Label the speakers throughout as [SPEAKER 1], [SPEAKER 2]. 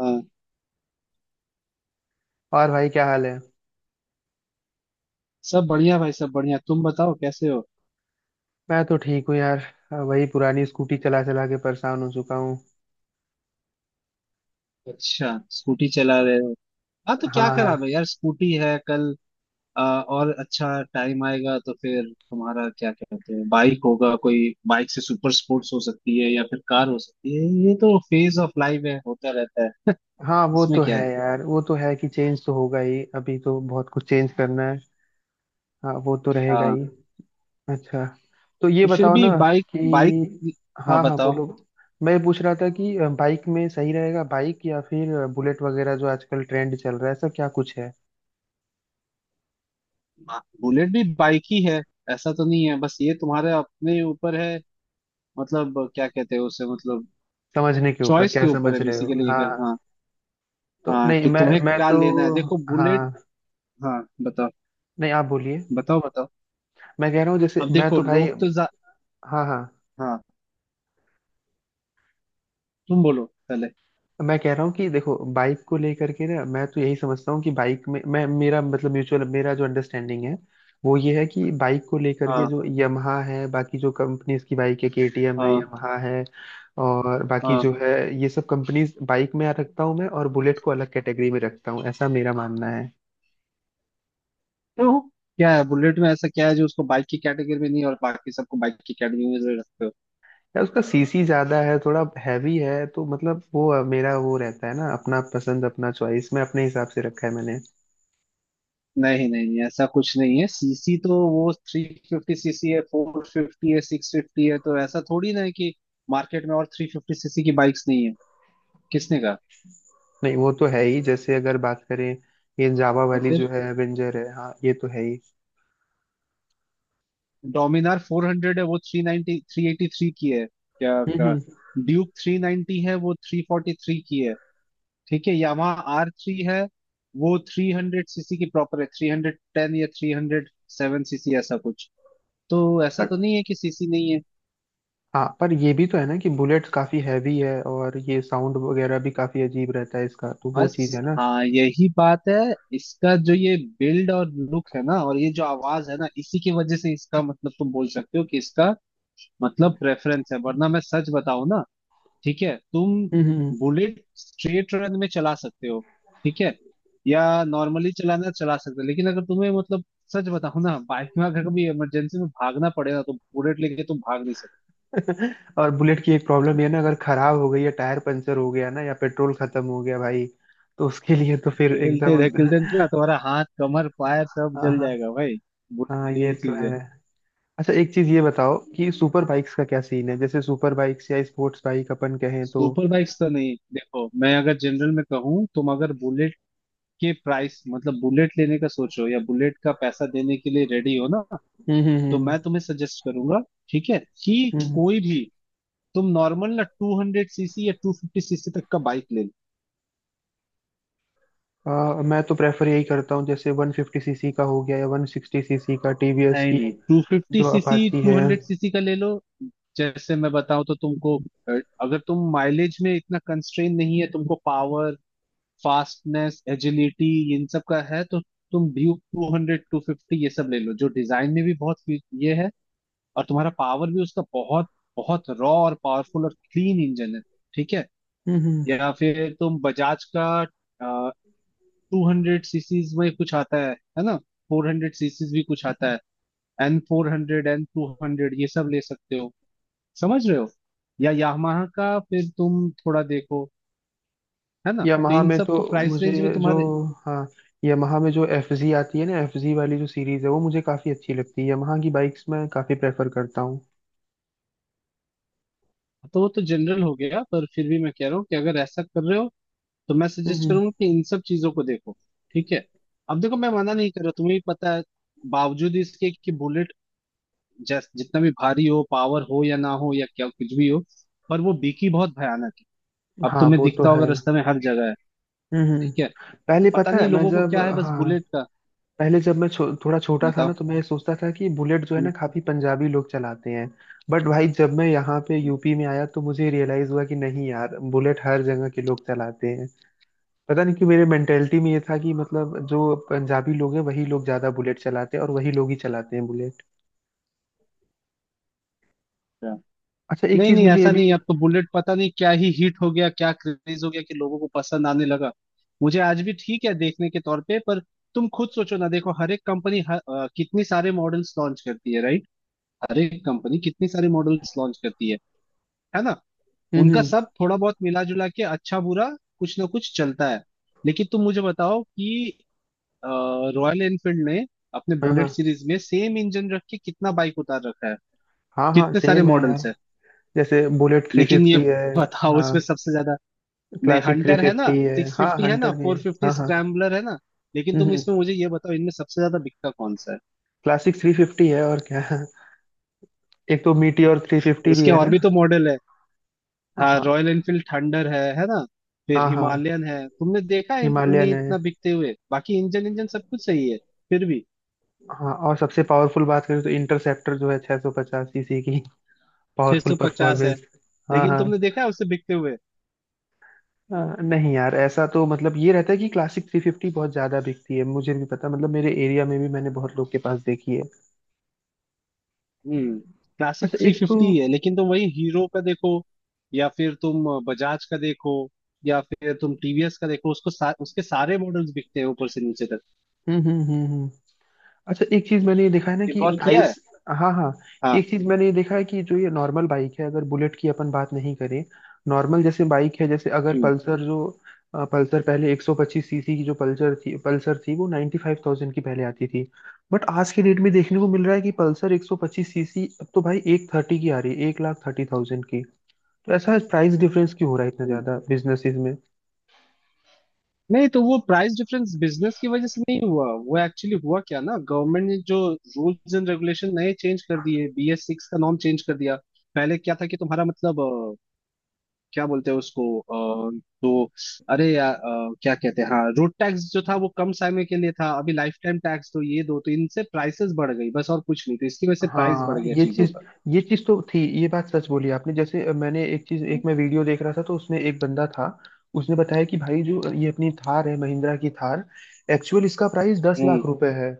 [SPEAKER 1] हाँ,
[SPEAKER 2] और भाई, क्या हाल है।
[SPEAKER 1] सब बढ़िया भाई, सब बढ़िया। तुम बताओ कैसे हो।
[SPEAKER 2] मैं तो ठीक हूँ यार। वही पुरानी स्कूटी चला चला के परेशान हो चुका हूँ।
[SPEAKER 1] अच्छा, स्कूटी चला रहे हो। हाँ तो
[SPEAKER 2] हाँ
[SPEAKER 1] क्या खराब
[SPEAKER 2] हाँ।
[SPEAKER 1] है यार, स्कूटी है कल। और अच्छा टाइम आएगा तो फिर तुम्हारा क्या कहते हैं बाइक होगा कोई, बाइक से सुपर स्पोर्ट्स हो सकती है या फिर कार हो सकती है। ये तो फेज ऑफ लाइफ है, होता रहता है।
[SPEAKER 2] हाँ वो
[SPEAKER 1] इसमें
[SPEAKER 2] तो
[SPEAKER 1] क्या
[SPEAKER 2] है
[SPEAKER 1] है।
[SPEAKER 2] यार, वो तो है कि चेंज तो होगा ही, अभी तो बहुत कुछ चेंज करना है। हाँ वो तो रहेगा
[SPEAKER 1] हाँ
[SPEAKER 2] ही। अच्छा। तो ये
[SPEAKER 1] तो फिर
[SPEAKER 2] बताओ ना
[SPEAKER 1] भी बाइक बाइक।
[SPEAKER 2] कि।
[SPEAKER 1] हाँ
[SPEAKER 2] हाँ हाँ,
[SPEAKER 1] बताओ।
[SPEAKER 2] बोलो। मैं पूछ रहा था कि बाइक में सही रहेगा, बाइक या फिर बुलेट वगैरह जो आजकल ट्रेंड चल रहा है, ऐसा क्या कुछ है।
[SPEAKER 1] हाँ, बुलेट भी बाइक ही है। ऐसा तो नहीं है, बस ये तुम्हारे अपने ऊपर है। मतलब क्या कहते हैं उसे, मतलब
[SPEAKER 2] समझने के ऊपर,
[SPEAKER 1] चॉइस के
[SPEAKER 2] क्या
[SPEAKER 1] ऊपर है
[SPEAKER 2] समझ रहे हो?
[SPEAKER 1] बेसिकली।
[SPEAKER 2] हाँ हाँ। तो
[SPEAKER 1] हाँ
[SPEAKER 2] नहीं,
[SPEAKER 1] कि
[SPEAKER 2] मैं
[SPEAKER 1] तुम्हें
[SPEAKER 2] मैं
[SPEAKER 1] क्या
[SPEAKER 2] तो।
[SPEAKER 1] लेना है, देखो बुलेट।
[SPEAKER 2] हाँ।
[SPEAKER 1] हाँ बताओ।
[SPEAKER 2] नहीं, आप बोलिए।
[SPEAKER 1] बताओ बताओ।
[SPEAKER 2] मैं कह रहा हूँ जैसे
[SPEAKER 1] अब
[SPEAKER 2] मैं
[SPEAKER 1] देखो
[SPEAKER 2] तो भाई।
[SPEAKER 1] लोग तो जा...।
[SPEAKER 2] हाँ हाँ।
[SPEAKER 1] हाँ तुम बोलो पहले।
[SPEAKER 2] मैं कह रहा हूँ कि देखो, बाइक को लेकर के ना मैं तो यही समझता हूँ कि बाइक में मैं, मेरा मतलब म्यूचुअल, मेरा जो अंडरस्टैंडिंग है, वो ये है कि बाइक को लेकर के
[SPEAKER 1] हाँ
[SPEAKER 2] जो यमहा है, बाकी जो कंपनीज की बाइक है, केटीएम है,
[SPEAKER 1] हाँ
[SPEAKER 2] यमहा है और बाकी
[SPEAKER 1] हाँ।
[SPEAKER 2] जो है, ये सब कंपनीज बाइक में आ रखता हूँ मैं, और बुलेट को अलग कैटेगरी में रखता हूँ, ऐसा मेरा मानना है।
[SPEAKER 1] क्यों, क्या है बुलेट में ऐसा क्या है जो उसको बाइक की कैटेगरी में नहीं और बाकी सबको बाइक की कैटेगरी में जो रखते हो।
[SPEAKER 2] यार उसका सीसी ज्यादा है, थोड़ा हैवी है, तो मतलब वो मेरा वो रहता है ना, अपना पसंद अपना चॉइस मैं अपने हिसाब से रखा है मैंने।
[SPEAKER 1] नहीं नहीं नहीं, ऐसा कुछ नहीं है। सीसी तो वो थ्री फिफ्टी सीसी है, फोर फिफ्टी है, सिक्स फिफ्टी है, तो ऐसा थोड़ी ना है कि मार्केट में और थ्री फिफ्टी सीसी की बाइक्स नहीं है। किसने कहा।
[SPEAKER 2] नहीं वो तो है ही, जैसे अगर बात करें ये जावा
[SPEAKER 1] तो
[SPEAKER 2] वाली जो
[SPEAKER 1] फिर
[SPEAKER 2] है एवेंजर है, हाँ ये तो है ही।
[SPEAKER 1] डोमिनार 400 है, वो 390 383 की है, क्या
[SPEAKER 2] हम्म
[SPEAKER 1] क्या।
[SPEAKER 2] हम्म।
[SPEAKER 1] ड्यूक 390 है, वो 343 की है। ठीक है, यामाहा आर थ्री है वो 300 सीसी की प्रॉपर है, 310 या 307 सीसी ऐसा कुछ। तो ऐसा
[SPEAKER 2] पर।
[SPEAKER 1] तो नहीं है कि सीसी नहीं है।
[SPEAKER 2] हाँ पर ये भी तो है ना कि बुलेट काफी हैवी है, और ये साउंड वगैरह भी काफी अजीब रहता है इसका, तो वो चीज
[SPEAKER 1] बस
[SPEAKER 2] है ना।
[SPEAKER 1] हाँ यही बात है, इसका जो ये बिल्ड और लुक है ना और ये जो आवाज है ना, इसी की वजह से इसका मतलब तुम बोल सकते हो कि इसका मतलब प्रेफरेंस है। वरना मैं सच बताऊं ना, ठीक है तुम
[SPEAKER 2] हम्म
[SPEAKER 1] बुलेट स्ट्रेट रन में चला सकते हो, ठीक है, या नॉर्मली चलाना चला सकते हो, लेकिन अगर तुम्हें मतलब सच बताऊं ना, बाइक में अगर कभी इमरजेंसी में भागना पड़े ना तो बुलेट लेके तुम भाग नहीं सकते।
[SPEAKER 2] हम्म। और बुलेट की एक प्रॉब्लम ये है ना, अगर खराब हो गई या टायर पंचर हो गया ना, या पेट्रोल खत्म हो गया भाई, तो उसके लिए तो फिर
[SPEAKER 1] खेलते
[SPEAKER 2] एकदम
[SPEAKER 1] धकेलते ना तुम्हारा हाथ कमर पैर सब
[SPEAKER 2] हाँ
[SPEAKER 1] जल
[SPEAKER 2] हाँ।
[SPEAKER 1] जाएगा भाई,
[SPEAKER 2] हाँ
[SPEAKER 1] बुलेट
[SPEAKER 2] ये
[SPEAKER 1] ये
[SPEAKER 2] तो
[SPEAKER 1] चीज है।
[SPEAKER 2] है। अच्छा एक चीज ये बताओ कि सुपर बाइक्स का क्या सीन है, जैसे सुपर बाइक्स या स्पोर्ट्स बाइक अपन कहें तो।
[SPEAKER 1] सुपर बाइक्स तो नहीं, देखो मैं अगर जनरल में कहूँ, तुम अगर बुलेट के प्राइस मतलब बुलेट लेने का सोचो या बुलेट का पैसा देने के लिए रेडी हो ना,
[SPEAKER 2] हम्म
[SPEAKER 1] तो
[SPEAKER 2] हम्म
[SPEAKER 1] मैं तुम्हें सजेस्ट करूंगा, ठीक है, कि
[SPEAKER 2] हम्म।
[SPEAKER 1] कोई भी तुम नॉर्मल ना 200 सीसी या 250 सीसी तक का बाइक ले लो।
[SPEAKER 2] अ, मैं तो प्रेफर यही करता हूँ, जैसे 150 सीसी का हो गया या 160 सीसी का, टीवीएस
[SPEAKER 1] नहीं
[SPEAKER 2] की
[SPEAKER 1] नहीं, 250
[SPEAKER 2] जो
[SPEAKER 1] सीसी
[SPEAKER 2] अपाची है।
[SPEAKER 1] 200 सीसी का ले लो। जैसे मैं बताऊं तो तुमको, अगर तुम माइलेज में इतना कंस्ट्रेन नहीं है, तुमको पावर, फास्टनेस, एजिलिटी, इन सब का है तो तुम ड्यूक 200 250 ये सब ले लो, जो डिजाइन में भी बहुत ये है। और तुम्हारा पावर भी उसका बहुत बहुत रॉ और पावरफुल और क्लीन इंजन है, ठीक है।
[SPEAKER 2] हम्म हम्म।
[SPEAKER 1] या फिर तुम बजाज का टू हंड्रेड सीसीज में कुछ आता है ना, फोर हंड्रेड सीसीज भी कुछ आता है, N four hundred, N two hundred ये सब ले सकते हो, समझ रहे हो। या यामाहा का फिर तुम थोड़ा देखो, है ना, तो
[SPEAKER 2] यामाहा
[SPEAKER 1] इन
[SPEAKER 2] में
[SPEAKER 1] सब
[SPEAKER 2] तो
[SPEAKER 1] को प्राइस
[SPEAKER 2] मुझे
[SPEAKER 1] रेंज में
[SPEAKER 2] जो।
[SPEAKER 1] तुम्हारे।
[SPEAKER 2] हाँ, यामाहा में जो एफ जी आती है ना, एफ जी वाली जो सीरीज है वो मुझे काफी अच्छी लगती है, यामाहा की बाइक्स मैं काफी प्रेफर करता हूँ।
[SPEAKER 1] तो वो तो जनरल हो गया, पर फिर भी मैं कह रहा हूँ कि अगर ऐसा कर रहे हो तो मैं
[SPEAKER 2] हम्म
[SPEAKER 1] सजेस्ट
[SPEAKER 2] हम्म।
[SPEAKER 1] करूंगा कि इन सब चीजों को देखो, ठीक है। अब देखो मैं मना नहीं कर रहा, तुम्हें भी पता है, बावजूद इसके कि बुलेट जैस जितना भी भारी हो, पावर हो या ना हो या क्या कुछ भी हो, पर वो बिकी बहुत भयानक। अब
[SPEAKER 2] हाँ
[SPEAKER 1] तुम्हें
[SPEAKER 2] वो तो
[SPEAKER 1] दिखता
[SPEAKER 2] है।
[SPEAKER 1] होगा रास्ते में हर जगह है,
[SPEAKER 2] हम्म हम्म।
[SPEAKER 1] ठीक है।
[SPEAKER 2] पहले
[SPEAKER 1] पता
[SPEAKER 2] पता
[SPEAKER 1] नहीं
[SPEAKER 2] है मैं
[SPEAKER 1] लोगों को
[SPEAKER 2] जब।
[SPEAKER 1] क्या है, बस
[SPEAKER 2] हाँ।
[SPEAKER 1] बुलेट का।
[SPEAKER 2] पहले जब मैं थोड़ा छोटा था ना,
[SPEAKER 1] बताओ।
[SPEAKER 2] तो मैं ये सोचता था कि बुलेट जो है
[SPEAKER 1] हम्म।
[SPEAKER 2] ना, काफी पंजाबी लोग चलाते हैं। बट भाई जब मैं यहाँ पे यूपी में आया तो मुझे रियलाइज हुआ कि नहीं यार, बुलेट हर जगह के लोग चलाते हैं। पता नहीं कि मेरे मेंटेलिटी में ये था कि मतलब जो पंजाबी लोग हैं वही लोग ज्यादा बुलेट चलाते हैं, और वही लोग ही चलाते हैं बुलेट।
[SPEAKER 1] अच्छा।
[SPEAKER 2] अच्छा एक
[SPEAKER 1] नहीं
[SPEAKER 2] चीज
[SPEAKER 1] नहीं,
[SPEAKER 2] मुझे ये
[SPEAKER 1] ऐसा नहीं है,
[SPEAKER 2] भी।
[SPEAKER 1] अब तो बुलेट पता नहीं क्या ही हिट हो गया, क्या क्रेज हो गया कि लोगों को पसंद आने लगा। मुझे आज भी ठीक है देखने के तौर पे, पर तुम खुद सोचो ना, देखो हर एक कंपनी कितनी सारे मॉडल्स लॉन्च करती है, राइट, हर एक कंपनी कितनी सारे मॉडल्स लॉन्च करती है ना। उनका
[SPEAKER 2] हम्म।
[SPEAKER 1] सब थोड़ा बहुत मिला जुला के अच्छा बुरा कुछ ना कुछ चलता है। लेकिन तुम मुझे बताओ कि रॉयल एनफील्ड ने अपने
[SPEAKER 2] हाँ
[SPEAKER 1] बुलेट
[SPEAKER 2] हाँ।
[SPEAKER 1] सीरीज में सेम इंजन रख के कितना बाइक उतार रखा है,
[SPEAKER 2] हाँ हाँ
[SPEAKER 1] कितने सारे
[SPEAKER 2] सेम है यार।
[SPEAKER 1] मॉडल्स है।
[SPEAKER 2] जैसे बुलेट थ्री
[SPEAKER 1] लेकिन ये
[SPEAKER 2] फिफ्टी है।
[SPEAKER 1] बताओ
[SPEAKER 2] हाँ
[SPEAKER 1] उसमें सबसे ज्यादा, नहीं
[SPEAKER 2] क्लासिक थ्री
[SPEAKER 1] हंटर है ना,
[SPEAKER 2] फिफ्टी है,
[SPEAKER 1] सिक्स
[SPEAKER 2] हाँ
[SPEAKER 1] फिफ्टी है ना,
[SPEAKER 2] हंटर भी
[SPEAKER 1] फोर
[SPEAKER 2] है।
[SPEAKER 1] फिफ्टी
[SPEAKER 2] हाँ हाँ।
[SPEAKER 1] स्क्रैम्बलर है ना। लेकिन तुम
[SPEAKER 2] हम्म।
[SPEAKER 1] इसमें मुझे ये बताओ, इनमें सबसे ज्यादा बिकता कौन सा है।
[SPEAKER 2] क्लासिक 350 है, और क्या? एक तो मीटियोर 350 भी
[SPEAKER 1] उसके
[SPEAKER 2] है
[SPEAKER 1] और
[SPEAKER 2] ना।
[SPEAKER 1] भी तो मॉडल है, हाँ रॉयल
[SPEAKER 2] हाँ
[SPEAKER 1] एनफील्ड थंडर है ना, फिर
[SPEAKER 2] हाँ। हाँ
[SPEAKER 1] हिमालयन है, तुमने देखा है इन्हें
[SPEAKER 2] हिमालयन है।
[SPEAKER 1] इतना बिकते हुए, बाकी इंजन इंजन सब कुछ सही है फिर भी।
[SPEAKER 2] हाँ, और सबसे पावरफुल बात करें तो इंटरसेप्टर जो है 650 सीसी की, पावरफुल
[SPEAKER 1] 650 है,
[SPEAKER 2] परफॉर्मेंस। हाँ
[SPEAKER 1] लेकिन
[SPEAKER 2] हाँ।
[SPEAKER 1] तुमने देखा है उसे बिकते हुए।
[SPEAKER 2] नहीं यार, ऐसा तो मतलब ये रहता है कि क्लासिक 350 बहुत ज्यादा बिकती है, मुझे भी पता, मतलब मेरे एरिया में भी मैंने बहुत लोग के पास देखी है।
[SPEAKER 1] हम्म। क्लासिक
[SPEAKER 2] अच्छा
[SPEAKER 1] थ्री
[SPEAKER 2] एक तो।
[SPEAKER 1] फिफ्टी है, लेकिन तुम वही हीरो का देखो या फिर तुम बजाज का देखो, या फिर तुम टीवीएस का देखो, उसके सारे मॉडल्स बिकते हैं ऊपर से नीचे तक।
[SPEAKER 2] हम्म। अच्छा एक चीज मैंने ये देखा है ना
[SPEAKER 1] ये
[SPEAKER 2] कि
[SPEAKER 1] गौर किया
[SPEAKER 2] प्राइस।
[SPEAKER 1] है।
[SPEAKER 2] हाँ हाँ।
[SPEAKER 1] हाँ।
[SPEAKER 2] एक चीज मैंने ये देखा है कि जो ये नॉर्मल बाइक है, अगर बुलेट की अपन बात नहीं करें, नॉर्मल जैसे बाइक है, जैसे अगर
[SPEAKER 1] हम्म
[SPEAKER 2] पल्सर जो। पल्सर पहले 125 सीसी की जो पल्सर थी, वो 95,000 की पहले आती थी। बट आज के डेट में देखने को मिल रहा है कि पल्सर 125 सीसी अब तो भाई एक थर्टी की आ रही है, 1,30,000 की। तो ऐसा प्राइस डिफरेंस क्यों हो रहा है इतना
[SPEAKER 1] हम्म।
[SPEAKER 2] ज्यादा बिजनेसेस में?
[SPEAKER 1] नहीं, तो वो प्राइस डिफरेंस बिजनेस की वजह से नहीं हुआ, वो एक्चुअली हुआ क्या ना, गवर्नमेंट ने जो रूल्स एंड रेगुलेशन नए चेंज कर दिए, बीएस सिक्स का नॉर्म चेंज कर दिया। पहले क्या था कि तुम्हारा मतलब क्या बोलते हैं उसको, तो अरे यार, क्या कहते हैं, हाँ रोड टैक्स जो था वो कम समय के लिए था, अभी लाइफ टाइम टैक्स तो ये दो, तो इनसे प्राइसेस बढ़ गई, बस और कुछ नहीं, तो इसकी वजह से प्राइस बढ़
[SPEAKER 2] हाँ
[SPEAKER 1] गया
[SPEAKER 2] ये
[SPEAKER 1] चीजों
[SPEAKER 2] चीज।
[SPEAKER 1] का।
[SPEAKER 2] ये चीज तो थी, ये बात सच बोली आपने, जैसे मैंने एक चीज,
[SPEAKER 1] हम्म
[SPEAKER 2] एक मैं वीडियो देख रहा था तो उसमें एक बंदा था, उसने बताया कि भाई जो ये अपनी थार है, महिंद्रा की थार, एक्चुअल इसका प्राइस दस लाख
[SPEAKER 1] हम्म
[SPEAKER 2] रुपए है।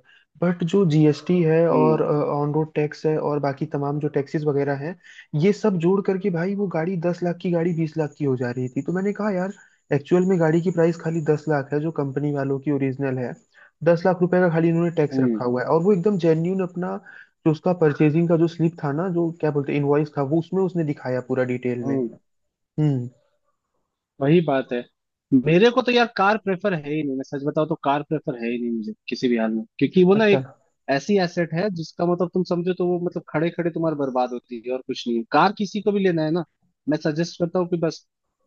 [SPEAKER 2] बट जो जीएसटी है
[SPEAKER 1] हम्म
[SPEAKER 2] और ऑन रोड टैक्स है और बाकी तमाम जो टैक्सेस वगैरह हैं, ये सब जोड़ करके भाई वो गाड़ी 10 लाख की गाड़ी 20 लाख की हो जा रही थी, तो मैंने कहा यार, एक्चुअल में गाड़ी की प्राइस खाली 10 लाख है जो कंपनी वालों की ओरिजिनल है। 10 लाख रुपए का खाली इन्होंने टैक्स रखा
[SPEAKER 1] हम्म।
[SPEAKER 2] हुआ है, और वो एकदम जेन्यून अपना, जो उसका परचेजिंग का जो स्लिप था ना जो क्या बोलते इनवॉइस था, वो उसमें उसने दिखाया पूरा डिटेल में।
[SPEAKER 1] हम्म।
[SPEAKER 2] हम्म।
[SPEAKER 1] वही बात है। मेरे को तो यार कार प्रेफर है ही नहीं, मैं सच बताऊं तो कार प्रेफर है ही नहीं मुझे किसी भी हाल में, क्योंकि वो ना
[SPEAKER 2] अच्छा।
[SPEAKER 1] एक ऐसी एसेट है जिसका मतलब तुम समझो तो वो मतलब खड़े खड़े तुम्हारी बर्बाद होती है और कुछ नहीं है। कार किसी को भी लेना है ना, मैं सजेस्ट करता हूँ कि बस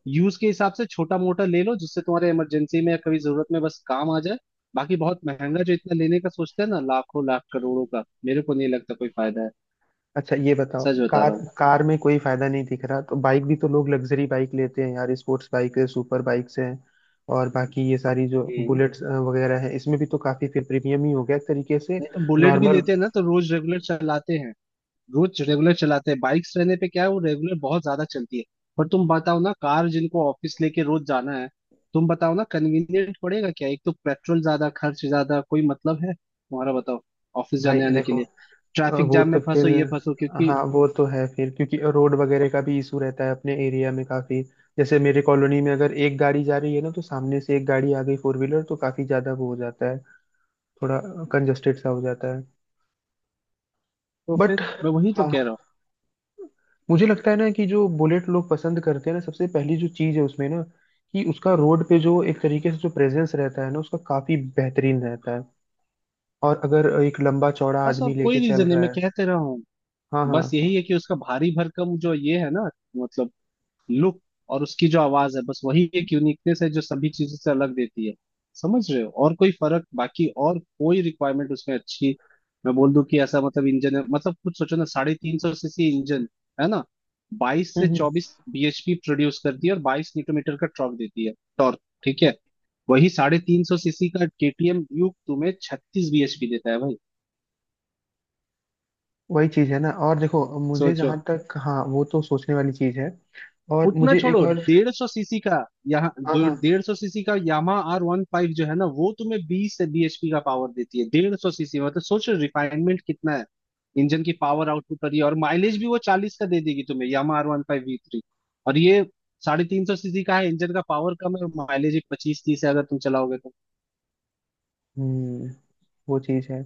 [SPEAKER 1] यूज के हिसाब से छोटा मोटा ले लो, जिससे तुम्हारे इमरजेंसी में या कभी जरूरत में बस काम आ जाए। बाकी बहुत महंगा जो इतना लेने का सोचते हैं ना, लाखों लाख करोड़ों का, मेरे को नहीं लगता कोई फायदा है,
[SPEAKER 2] अच्छा ये बताओ,
[SPEAKER 1] सच बता
[SPEAKER 2] कार।
[SPEAKER 1] रहा हूँ।
[SPEAKER 2] कार में कोई फायदा नहीं दिख रहा तो बाइक भी तो लोग लग्जरी बाइक लेते हैं यार, स्पोर्ट्स बाइक है, सुपर बाइक्स है, और बाकी ये सारी जो
[SPEAKER 1] हम्म।
[SPEAKER 2] बुलेट्स वगैरह है, इसमें भी तो काफी फिर प्रीमियम ही हो गया एक तरीके से।
[SPEAKER 1] नहीं तो बुलेट भी
[SPEAKER 2] नॉर्मल।
[SPEAKER 1] लेते हैं ना तो रोज रेगुलर चलाते हैं, रोज रेगुलर चलाते हैं। बाइक्स रहने पे क्या है, वो रेगुलर बहुत ज्यादा चलती है। पर तुम बताओ ना, कार जिनको ऑफिस लेके रोज जाना है, तुम बताओ ना कन्वीनियंट पड़ेगा क्या, एक तो पेट्रोल ज्यादा, खर्च ज्यादा, कोई मतलब है तुम्हारा, बताओ, ऑफिस
[SPEAKER 2] भाई
[SPEAKER 1] जाने आने के
[SPEAKER 2] देखो।
[SPEAKER 1] लिए ट्रैफिक
[SPEAKER 2] वो
[SPEAKER 1] जाम
[SPEAKER 2] तो
[SPEAKER 1] में
[SPEAKER 2] फिर।
[SPEAKER 1] फंसो, ये फंसो, क्योंकि।
[SPEAKER 2] हाँ वो तो है फिर, क्योंकि रोड वगैरह का भी इशू रहता है अपने एरिया में काफी, जैसे मेरे कॉलोनी में अगर एक गाड़ी जा रही है ना तो सामने से एक गाड़ी आ गई फोर व्हीलर, तो काफी ज्यादा वो हो जाता है, थोड़ा कंजस्टेड सा हो जाता है।
[SPEAKER 1] तो फिर
[SPEAKER 2] बट।
[SPEAKER 1] मैं वही तो
[SPEAKER 2] हाँ।
[SPEAKER 1] कह रहा हूँ,
[SPEAKER 2] मुझे लगता है ना कि जो बुलेट लोग पसंद करते हैं ना, सबसे पहली जो चीज है उसमें ना, कि उसका रोड पे जो एक तरीके से जो प्रेजेंस रहता है ना उसका, काफी बेहतरीन रहता है। और अगर एक लंबा चौड़ा
[SPEAKER 1] बस
[SPEAKER 2] आदमी
[SPEAKER 1] और
[SPEAKER 2] लेके
[SPEAKER 1] कोई
[SPEAKER 2] चल
[SPEAKER 1] रीजन नहीं,
[SPEAKER 2] रहा
[SPEAKER 1] मैं
[SPEAKER 2] है।
[SPEAKER 1] कहते रहा हूँ,
[SPEAKER 2] हाँ हाँ।
[SPEAKER 1] बस यही है कि उसका भारी भरकम जो ये है ना, मतलब लुक और उसकी जो आवाज है, बस वही एक यूनिकनेस है जो सभी चीजों से अलग देती है, समझ रहे हो। और कोई फर्क, बाकी और कोई रिक्वायरमेंट उसमें अच्छी, मैं बोल दूं कि ऐसा मतलब इंजन है, मतलब कुछ सोचो ना साढ़े तीन सौ सीसी इंजन, है ना, बाईस से
[SPEAKER 2] हम्म, हम्म।
[SPEAKER 1] चौबीस बीएचपी प्रोड्यूस करती है और बाईस न्यूटन मीटर का टॉर्क देती है, टॉर्क। ठीक है, वही साढ़े तीन सौ सीसी का केटीएम ड्यूक तुम्हें छत्तीस बीएचपी देता है भाई,
[SPEAKER 2] वही चीज है ना, और देखो मुझे
[SPEAKER 1] सोचो।
[SPEAKER 2] जहां तक। हाँ वो तो सोचने वाली चीज है। और
[SPEAKER 1] उतना
[SPEAKER 2] मुझे एक
[SPEAKER 1] छोड़ो,
[SPEAKER 2] और।
[SPEAKER 1] डेढ़ सौ सीसी का, यहाँ
[SPEAKER 2] हाँ हाँ।
[SPEAKER 1] डेढ़ सौ सीसी का यामा आर वन फाइव जो है ना, वो तुम्हें बीस से bhp का पावर देती है, डेढ़ सौ सीसी, मतलब सोचो रिफाइनमेंट कितना है, इंजन की पावर आउटपुट पर ये, और माइलेज भी वो चालीस का दे देगी तुम्हें, Yamaha R one five we three. और ये साढ़े तीन सौ सीसी का है, इंजन का पावर कम है और माइलेज पच्चीस तीस है अगर तुम चलाओगे तो।
[SPEAKER 2] हम्म। वो चीज है।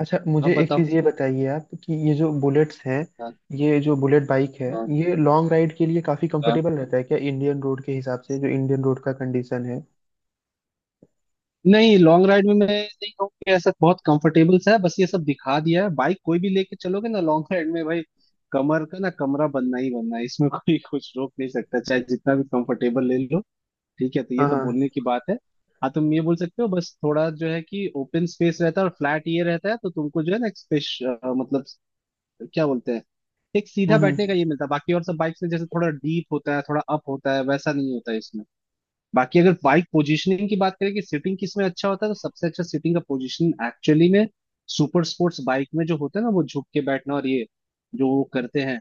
[SPEAKER 2] अच्छा मुझे
[SPEAKER 1] अब
[SPEAKER 2] एक
[SPEAKER 1] बताओ।
[SPEAKER 2] चीज ये बताइए आप कि ये जो बुलेट्स हैं,
[SPEAKER 1] हाँ।
[SPEAKER 2] ये जो बुलेट बाइक है,
[SPEAKER 1] हाँ।
[SPEAKER 2] ये लॉन्ग राइड के लिए काफी कंफर्टेबल रहता है क्या इंडियन रोड के हिसाब से, जो इंडियन रोड का कंडीशन है।
[SPEAKER 1] नहीं, लॉन्ग राइड में मैं नहीं कहूँगी ऐसा बहुत कंफर्टेबल सा है, बस ये सब दिखा दिया है, बाइक कोई भी लेके चलोगे ना लॉन्ग राइड में भाई, कमर का ना कमरा बनना ही बनना है, इसमें कोई कुछ रोक नहीं सकता, चाहे जितना भी कंफर्टेबल ले लो। ठीक है, तो ये
[SPEAKER 2] हाँ
[SPEAKER 1] तो
[SPEAKER 2] हाँ।
[SPEAKER 1] बोलने की बात है। हाँ तुम ये बोल सकते हो, बस थोड़ा जो है कि ओपन स्पेस रहता है और फ्लैट ये रहता है तो तुमको जो है ना, एक स्पेस मतलब क्या बोलते हैं, एक सीधा
[SPEAKER 2] हम्म
[SPEAKER 1] बैठने का
[SPEAKER 2] हम्म।
[SPEAKER 1] ये मिलता है, बाकी और सब बाइक्स में जैसे थोड़ा डीप होता है, थोड़ा अप होता है, वैसा नहीं होता है इसमें। बाकी अगर बाइक पोजीशनिंग की बात करें कि सिटिंग किस में अच्छा होता है, तो सबसे अच्छा सिटिंग का पोजीशन एक्चुअली में सुपर स्पोर्ट्स बाइक में जो होता है ना, वो झुक के बैठना और ये जो वो करते हैं,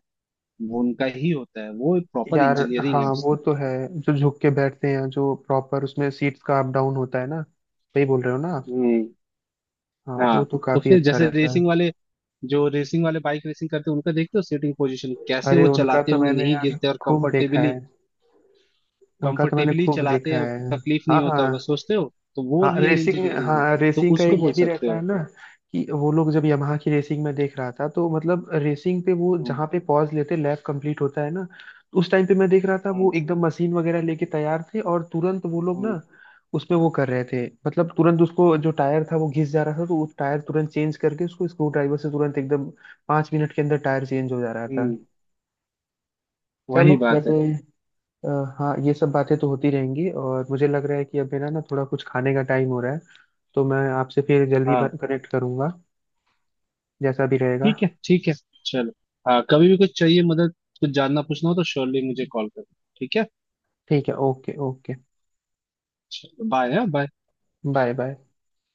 [SPEAKER 1] वो उनका ही होता है, वो प्रॉपर
[SPEAKER 2] यार।
[SPEAKER 1] इंजीनियरिंग है
[SPEAKER 2] हाँ वो
[SPEAKER 1] उसकी।
[SPEAKER 2] तो है। जो झुक के बैठते हैं जो प्रॉपर, उसमें सीट्स का अप डाउन होता है ना, सही बोल रहे हो ना आप?
[SPEAKER 1] हम्म।
[SPEAKER 2] हाँ वो
[SPEAKER 1] हाँ
[SPEAKER 2] तो
[SPEAKER 1] तो
[SPEAKER 2] काफी
[SPEAKER 1] फिर
[SPEAKER 2] अच्छा
[SPEAKER 1] जैसे
[SPEAKER 2] रहता है।
[SPEAKER 1] रेसिंग वाले, जो रेसिंग वाले बाइक रेसिंग करते हैं उनका देखते हो सीटिंग पोजीशन कैसे,
[SPEAKER 2] अरे
[SPEAKER 1] वो
[SPEAKER 2] उनका
[SPEAKER 1] चलाते
[SPEAKER 2] तो
[SPEAKER 1] होंगे
[SPEAKER 2] मैंने
[SPEAKER 1] नहीं
[SPEAKER 2] यार
[SPEAKER 1] गिरते और
[SPEAKER 2] खूब देखा
[SPEAKER 1] कंफर्टेबली,
[SPEAKER 2] है। उनका तो मैंने
[SPEAKER 1] कंफर्टेबली
[SPEAKER 2] खूब
[SPEAKER 1] चलाते
[SPEAKER 2] देखा
[SPEAKER 1] हैं,
[SPEAKER 2] है।
[SPEAKER 1] तकलीफ नहीं
[SPEAKER 2] हाँ
[SPEAKER 1] होता होगा
[SPEAKER 2] हाँ।
[SPEAKER 1] सोचते हो, तो वो
[SPEAKER 2] हाँ
[SPEAKER 1] रियल
[SPEAKER 2] रेसिंग।
[SPEAKER 1] इंजीनियरिंग है,
[SPEAKER 2] हाँ
[SPEAKER 1] तो
[SPEAKER 2] रेसिंग का एक
[SPEAKER 1] उसको
[SPEAKER 2] ये
[SPEAKER 1] बोल
[SPEAKER 2] भी
[SPEAKER 1] सकते
[SPEAKER 2] रहता है
[SPEAKER 1] हो।
[SPEAKER 2] ना कि वो लोग, जब यमाहा की रेसिंग में देख रहा था तो मतलब रेसिंग पे वो
[SPEAKER 1] हम्म।
[SPEAKER 2] जहाँ पे पॉज लेते, लैप कंप्लीट होता है ना, तो उस टाइम पे मैं देख रहा था, वो
[SPEAKER 1] हम्म।
[SPEAKER 2] एकदम मशीन वगैरह लेके तैयार थे, और तुरंत वो लोग ना उसमें वो कर रहे थे, मतलब तुरंत उसको जो टायर था वो घिस जा रहा था, तो वो टायर तुरंत चेंज करके उसको स्क्रू
[SPEAKER 1] हम्म।
[SPEAKER 2] ड्राइवर से तुरंत एकदम 5 मिनट के अंदर टायर चेंज हो जा रहा था।
[SPEAKER 1] हम्म।
[SPEAKER 2] चलो
[SPEAKER 1] वही बात
[SPEAKER 2] वैसे।
[SPEAKER 1] है।
[SPEAKER 2] अ, हाँ ये सब बातें तो होती रहेंगी, और मुझे लग रहा है कि अब मेरा ना थोड़ा कुछ खाने का टाइम हो रहा है, तो मैं आपसे फिर जल्दी
[SPEAKER 1] हाँ
[SPEAKER 2] कनेक्ट करूंगा, जैसा भी रहेगा।
[SPEAKER 1] ठीक है, ठीक है, चलो। हाँ कभी भी कुछ चाहिए मदद, कुछ जानना पूछना हो तो श्योरली मुझे कॉल करो, ठीक है।
[SPEAKER 2] ठीक है, ओके ओके।
[SPEAKER 1] चलो बाय, हाँ बाय।
[SPEAKER 2] Bye, bye.